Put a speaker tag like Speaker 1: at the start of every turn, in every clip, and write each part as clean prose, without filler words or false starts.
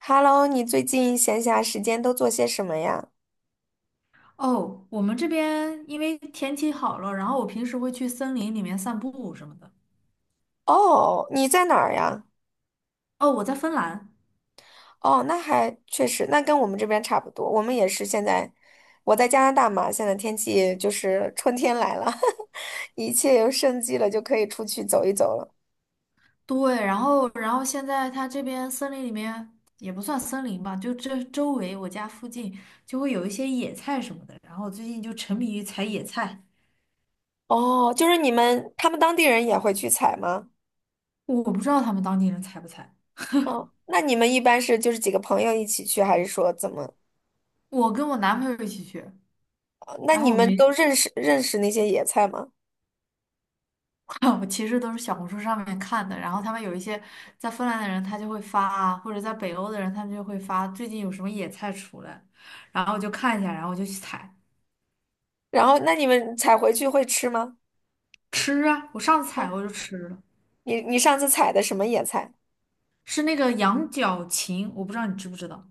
Speaker 1: Hello，你最近闲暇时间都做些什么呀？
Speaker 2: 哦，我们这边因为天气好了，然后我平时会去森林里面散步什么的。
Speaker 1: 哦，你在哪儿呀？
Speaker 2: 哦，我在芬兰，
Speaker 1: 哦，那还确实，那跟我们这边差不多。我们也是现在，我在加拿大嘛，现在天气就是春天来了，一切又生机了，就可以出去走一走了。
Speaker 2: 对，然后现在它这边森林里面也不算森林吧，就这周围我家附近就会有一些野菜什么的，然后我最近就沉迷于采野菜，
Speaker 1: 哦，就是你们，他们当地人也会去采吗？
Speaker 2: 我不知道他们当地人采不采。
Speaker 1: 哦，那你们一般是就是几个朋友一起去，还是说怎么？
Speaker 2: 我跟我男朋友一起去，
Speaker 1: 那
Speaker 2: 然
Speaker 1: 你
Speaker 2: 后我
Speaker 1: 们
Speaker 2: 没。
Speaker 1: 都认识那些野菜吗？
Speaker 2: 我其实都是小红书上面看的，然后他们有一些在芬兰的人，他就会发啊，或者在北欧的人，他们就会发最近有什么野菜出来，然后我就看一下，然后我就去采。
Speaker 1: 然后，那你们采回去会吃吗？
Speaker 2: 吃啊。我上次采我就吃了，
Speaker 1: 你上次采的什么野菜？
Speaker 2: 是那个羊角芹，我不知道你知不知道。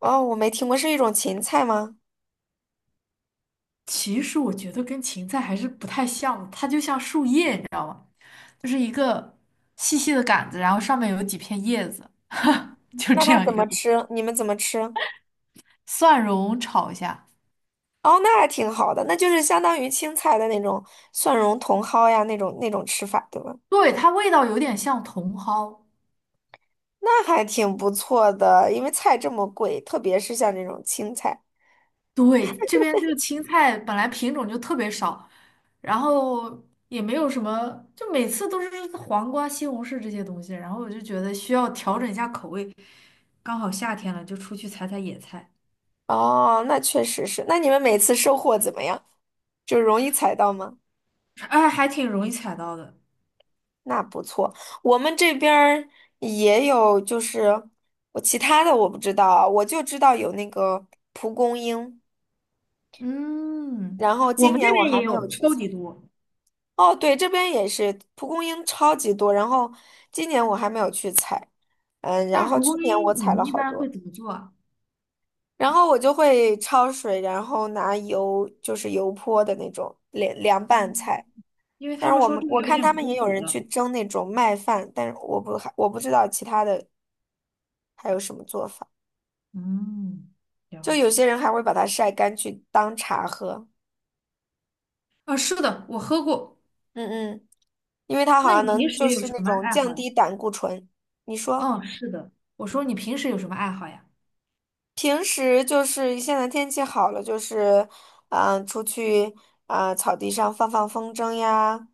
Speaker 1: 哦，我没听过，是一种芹菜吗？
Speaker 2: 其实我觉得跟芹菜还是不太像的，它就像树叶，你知道，就是一个细细的杆子，然后上面有几片叶子，就
Speaker 1: 那
Speaker 2: 这
Speaker 1: 它
Speaker 2: 样一
Speaker 1: 怎
Speaker 2: 个
Speaker 1: 么
Speaker 2: 东西。
Speaker 1: 吃？你们怎么吃？
Speaker 2: 蒜蓉炒一下，
Speaker 1: 哦，那还挺好的，那就是相当于青菜的那种蒜蓉茼蒿呀，那种吃法，对吧？
Speaker 2: 对，它味道有点像茼蒿。
Speaker 1: 那还挺不错的，因为菜这么贵，特别是像这种青菜。
Speaker 2: 对，这边这个青菜本来品种就特别少，然后也没有什么，就每次都是黄瓜、西红柿这些东西，然后我就觉得需要调整一下口味。刚好夏天了，就出去采采野菜，
Speaker 1: 哦，那确实是。那你们每次收获怎么样？就容易采到吗？
Speaker 2: 哎，还挺容易采到的。
Speaker 1: 那不错，我们这边儿也有，就是我其他的我不知道啊，我就知道有那个蒲公英。
Speaker 2: 嗯，
Speaker 1: 然后
Speaker 2: 我
Speaker 1: 今
Speaker 2: 们这
Speaker 1: 年我
Speaker 2: 边
Speaker 1: 还
Speaker 2: 也
Speaker 1: 没有
Speaker 2: 有
Speaker 1: 去
Speaker 2: 超
Speaker 1: 采。
Speaker 2: 级多，
Speaker 1: 哦，对，这边也是蒲公英超级多，然后今年我还没有去采，嗯，然
Speaker 2: 但是
Speaker 1: 后
Speaker 2: 蒲
Speaker 1: 去
Speaker 2: 公
Speaker 1: 年我
Speaker 2: 英你
Speaker 1: 采
Speaker 2: 们
Speaker 1: 了
Speaker 2: 一
Speaker 1: 好
Speaker 2: 般会
Speaker 1: 多，
Speaker 2: 怎么做啊？
Speaker 1: 然后我就会焯水，然后拿油，就是油泼的那种凉凉拌
Speaker 2: 嗯
Speaker 1: 菜。
Speaker 2: 因为
Speaker 1: 但
Speaker 2: 他
Speaker 1: 是
Speaker 2: 们
Speaker 1: 我
Speaker 2: 说
Speaker 1: 们
Speaker 2: 这个
Speaker 1: 我
Speaker 2: 有
Speaker 1: 看
Speaker 2: 点
Speaker 1: 他们
Speaker 2: 苦
Speaker 1: 也有
Speaker 2: 苦
Speaker 1: 人去
Speaker 2: 的。
Speaker 1: 蒸那种麦饭，但是我不知道其他的还有什么做法。
Speaker 2: 嗯，
Speaker 1: 就
Speaker 2: 了
Speaker 1: 有
Speaker 2: 解。
Speaker 1: 些人还会把它晒干去当茶喝，
Speaker 2: 啊，是的，我喝过。
Speaker 1: 嗯嗯，因为它好
Speaker 2: 那你
Speaker 1: 像
Speaker 2: 平
Speaker 1: 能
Speaker 2: 时
Speaker 1: 就
Speaker 2: 有
Speaker 1: 是
Speaker 2: 什
Speaker 1: 那
Speaker 2: 么
Speaker 1: 种
Speaker 2: 爱
Speaker 1: 降
Speaker 2: 好呀？
Speaker 1: 低胆固醇。你说？
Speaker 2: 嗯，是的。我说你平时有什么爱好呀？
Speaker 1: 平时就是现在天气好了，就是，出去草地上放放风筝呀，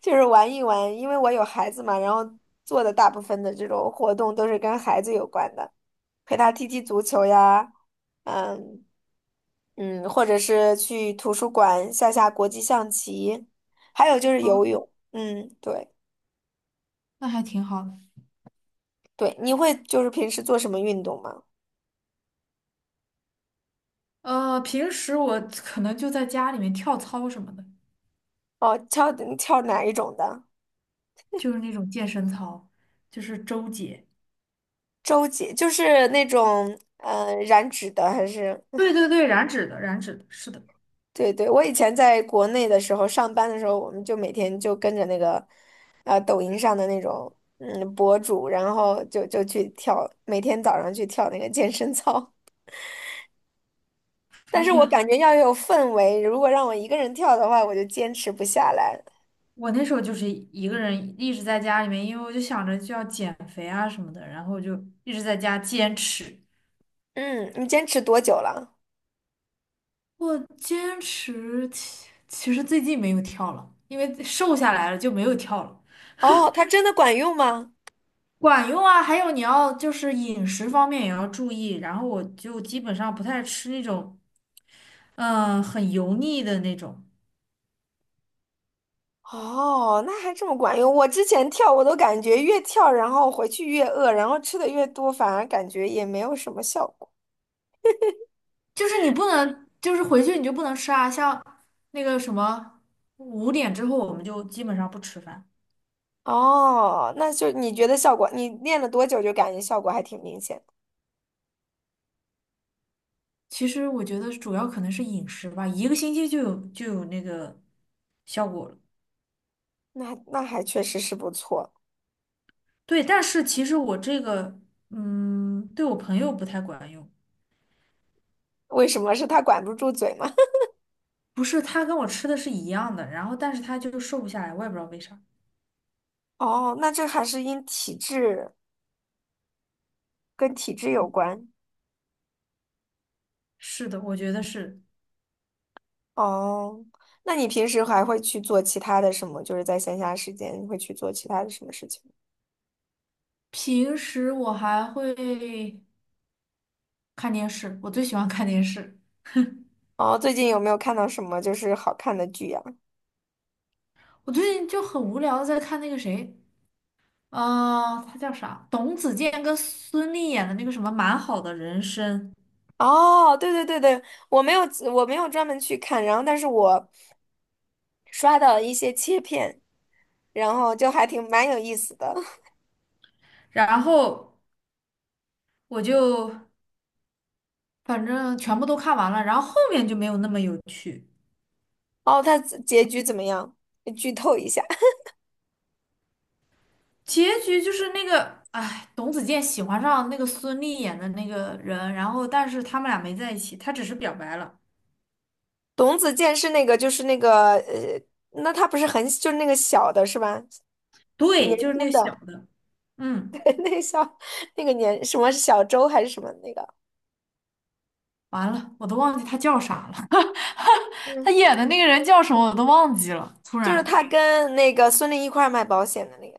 Speaker 1: 就是玩一玩。因为我有孩子嘛，然后做的大部分的这种活动都是跟孩子有关的，陪他踢踢足球呀，嗯嗯，或者是去图书馆下下国际象棋，还有就是
Speaker 2: 哦，
Speaker 1: 游泳。嗯，对
Speaker 2: 那还挺好的。
Speaker 1: 对，你会就是平时做什么运动吗？
Speaker 2: 平时我可能就在家里面跳操什么的，
Speaker 1: 哦，跳跳哪一种的？
Speaker 2: 就是那种健身操，就是周姐。
Speaker 1: 周杰就是那种燃脂的，还是
Speaker 2: 对 对对，燃脂的，燃脂的，是的，
Speaker 1: 对对，我以前在国内的时候上班的时候，我们就每天就跟着那个抖音上的那种博主，然后就去跳，每天早上去跳那个健身操。但
Speaker 2: 还
Speaker 1: 是我
Speaker 2: 挺。
Speaker 1: 感觉要有氛围，如果让我一个人跳的话，我就坚持不下来。
Speaker 2: 我那时候就是一个人一直在家里面，因为我就想着就要减肥啊什么的，然后就一直在家坚持。
Speaker 1: 嗯，你坚持多久了？
Speaker 2: 我坚持，其实最近没有跳了，因为瘦下来了就没有跳了。
Speaker 1: 哦，它真的管用吗？
Speaker 2: 管用啊，还有你要就是饮食方面也要注意，然后我就基本上不太吃那种，很油腻的那种，
Speaker 1: 哦，那还这么管用。我之前跳，我都感觉越跳，然后回去越饿，然后吃的越多，反而感觉也没有什么效果。
Speaker 2: 就是你不能，就是回去你就不能吃啊，像那个什么5点之后我们就基本上不吃饭。
Speaker 1: 哦，那就你觉得效果，你练了多久就感觉效果还挺明显的？
Speaker 2: 其实我觉得主要可能是饮食吧，一个星期就有那个效果了。
Speaker 1: 那还确实是不错。
Speaker 2: 对，但是其实我这个，对我朋友不太管用，
Speaker 1: 为什么是他管不住嘴吗？
Speaker 2: 不是他跟我吃的是一样的，然后但是他就瘦不下来，我也不知道为啥。
Speaker 1: 哦，那这还是因体质跟体质有关。
Speaker 2: 是的，我觉得是。
Speaker 1: 哦，那你平时还会去做其他的什么？就是在闲暇时间会去做其他的什么事情？
Speaker 2: 平时我还会看电视，我最喜欢看电视。
Speaker 1: 哦，最近有没有看到什么就是好看的剧呀？
Speaker 2: 我最近就很无聊的在看那个谁，他叫啥？董子健跟孙俪演的那个什么《蛮好的人生》，
Speaker 1: 哦，对对对对，我没有我没有专门去看，然后但是我刷到一些切片，然后就还挺蛮有意思的。
Speaker 2: 然后我就反正全部都看完了，然后后面就没有那么有趣。
Speaker 1: 哦，他结局怎么样？剧透一下，
Speaker 2: 结局就是那个，哎，董子健喜欢上那个孙俪演的那个人，然后但是他们俩没在一起，他只是表白了。
Speaker 1: 董子健是那个，那他不是很就是那个小的是吧？
Speaker 2: 对，
Speaker 1: 年
Speaker 2: 就是那
Speaker 1: 轻
Speaker 2: 个小
Speaker 1: 的
Speaker 2: 的，嗯。
Speaker 1: 那个小那个年什么小周还是什么那个？
Speaker 2: 完了，我都忘记他叫啥了。他
Speaker 1: 嗯，
Speaker 2: 演的那个人叫什么我都忘记了。突
Speaker 1: 就是
Speaker 2: 然，
Speaker 1: 他跟那个孙俪一块儿卖保险的那个，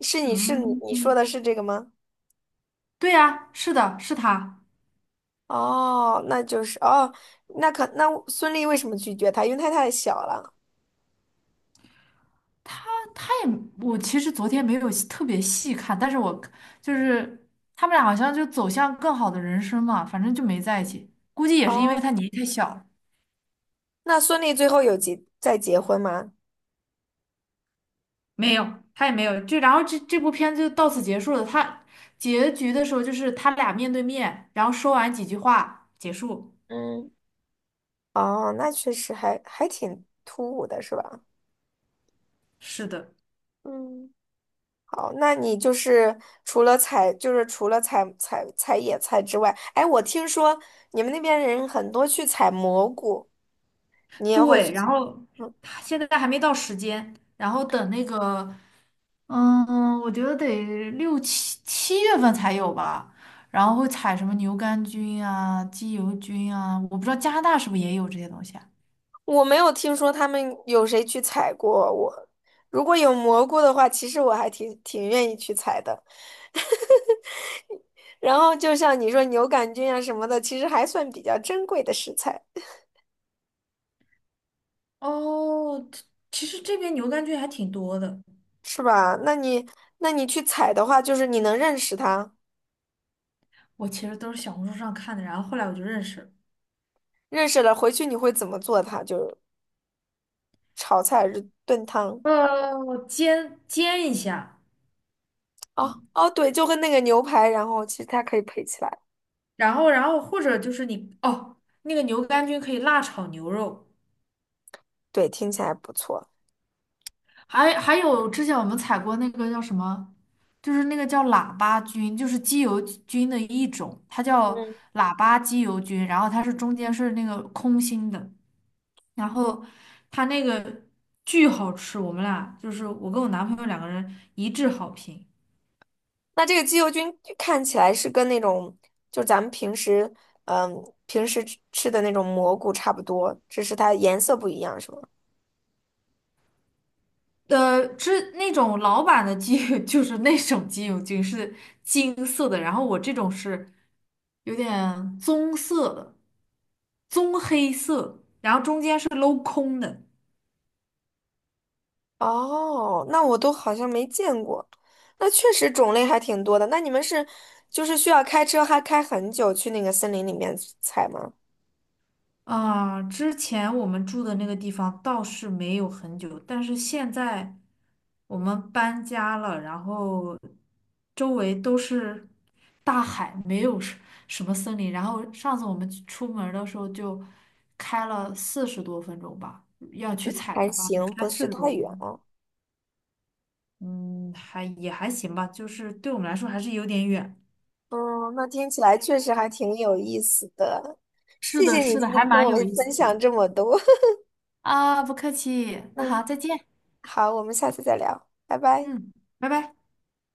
Speaker 1: 是你是你
Speaker 2: 嗯，
Speaker 1: 你说的是这个吗？
Speaker 2: 对呀，是的，是他。
Speaker 1: 哦，那就是哦，那孙俪为什么拒绝他？因为他太小了。
Speaker 2: 但他也，我其实昨天没有细特别细看，但是我就是他们俩好像就走向更好的人生嘛，反正就没在一起。估计也是因为他
Speaker 1: 哦，
Speaker 2: 年纪太小了。
Speaker 1: 那孙俪最后再结婚吗？
Speaker 2: 没有，他也没有。就然后这部片子就到此结束了。他结局的时候就是他俩面对面，然后说完几句话结束。
Speaker 1: 嗯哦，那确实还挺突兀的，是吧？
Speaker 2: 是的。
Speaker 1: 嗯，好，那你就是除了采，就是除了采野菜之外，哎，我听说你们那边人很多去采蘑菇，你也会
Speaker 2: 对，
Speaker 1: 去采？
Speaker 2: 然后
Speaker 1: 嗯。
Speaker 2: 现在还没到时间，然后等那个，嗯，我觉得得六七月份才有吧。然后会采什么牛肝菌啊、鸡油菌啊，我不知道加拿大是不是也有这些东西啊。
Speaker 1: 我没有听说他们有谁去采过我。如果有蘑菇的话，其实我还挺愿意去采的。然后就像你说牛肝菌啊什么的，其实还算比较珍贵的食材，
Speaker 2: 哦，其实这边牛肝菌还挺多的。
Speaker 1: 是吧？那你去采的话，就是你能认识它，
Speaker 2: 我其实都是小红书上看的，然后后来我就认识了。
Speaker 1: 认识了回去你会怎么做它？就是炒菜还是炖汤？
Speaker 2: 煎煎一下，
Speaker 1: 哦哦，对，就跟那个牛排，然后其实它可以配起来，
Speaker 2: 然后或者就是你哦，那个牛肝菌可以辣炒牛肉。
Speaker 1: 对，听起来不错。
Speaker 2: 还有之前我们采过那个叫什么，就是那个叫喇叭菌，就是鸡油菌的一种，它叫
Speaker 1: 嗯。
Speaker 2: 喇叭鸡油菌，然后它是中间是那个空心的，然后它那个巨好吃，我们俩就是我跟我男朋友两个人一致好评。
Speaker 1: 那这个鸡油菌看起来是跟那种，就咱们平时，嗯，平时吃的那种蘑菇差不多，只是它颜色不一样，是吗？
Speaker 2: 是那种老版的鸡 就是那种鸡柳菌是金色的，然后我这种是有点棕色的，棕黑色，然后中间是镂空的。
Speaker 1: 哦，那我都好像没见过。那确实种类还挺多的。那你们是，就是需要开车还开很久去那个森林里面采吗？
Speaker 2: 啊，之前我们住的那个地方倒是没有很久，但是现在我们搬家了，然后周围都是大海，没有什么森林。然后上次我们去出门儿的时候就开了四十多分钟吧，要去采
Speaker 1: 还
Speaker 2: 的话得
Speaker 1: 行，
Speaker 2: 开
Speaker 1: 不是
Speaker 2: 四十
Speaker 1: 太
Speaker 2: 多分
Speaker 1: 远
Speaker 2: 钟。
Speaker 1: 啊哦。
Speaker 2: 嗯，还也还行吧，就是对我们来说还是有点远。
Speaker 1: 嗯，那听起来确实还挺有意思的。
Speaker 2: 是
Speaker 1: 谢
Speaker 2: 的，
Speaker 1: 谢你
Speaker 2: 是的，
Speaker 1: 今
Speaker 2: 还
Speaker 1: 天跟
Speaker 2: 蛮
Speaker 1: 我
Speaker 2: 有意思
Speaker 1: 分
Speaker 2: 的。
Speaker 1: 享这么多。
Speaker 2: 啊，不客气，那
Speaker 1: 嗯，
Speaker 2: 好，再见。
Speaker 1: 好，我们下次再聊，拜拜。
Speaker 2: 嗯，拜拜。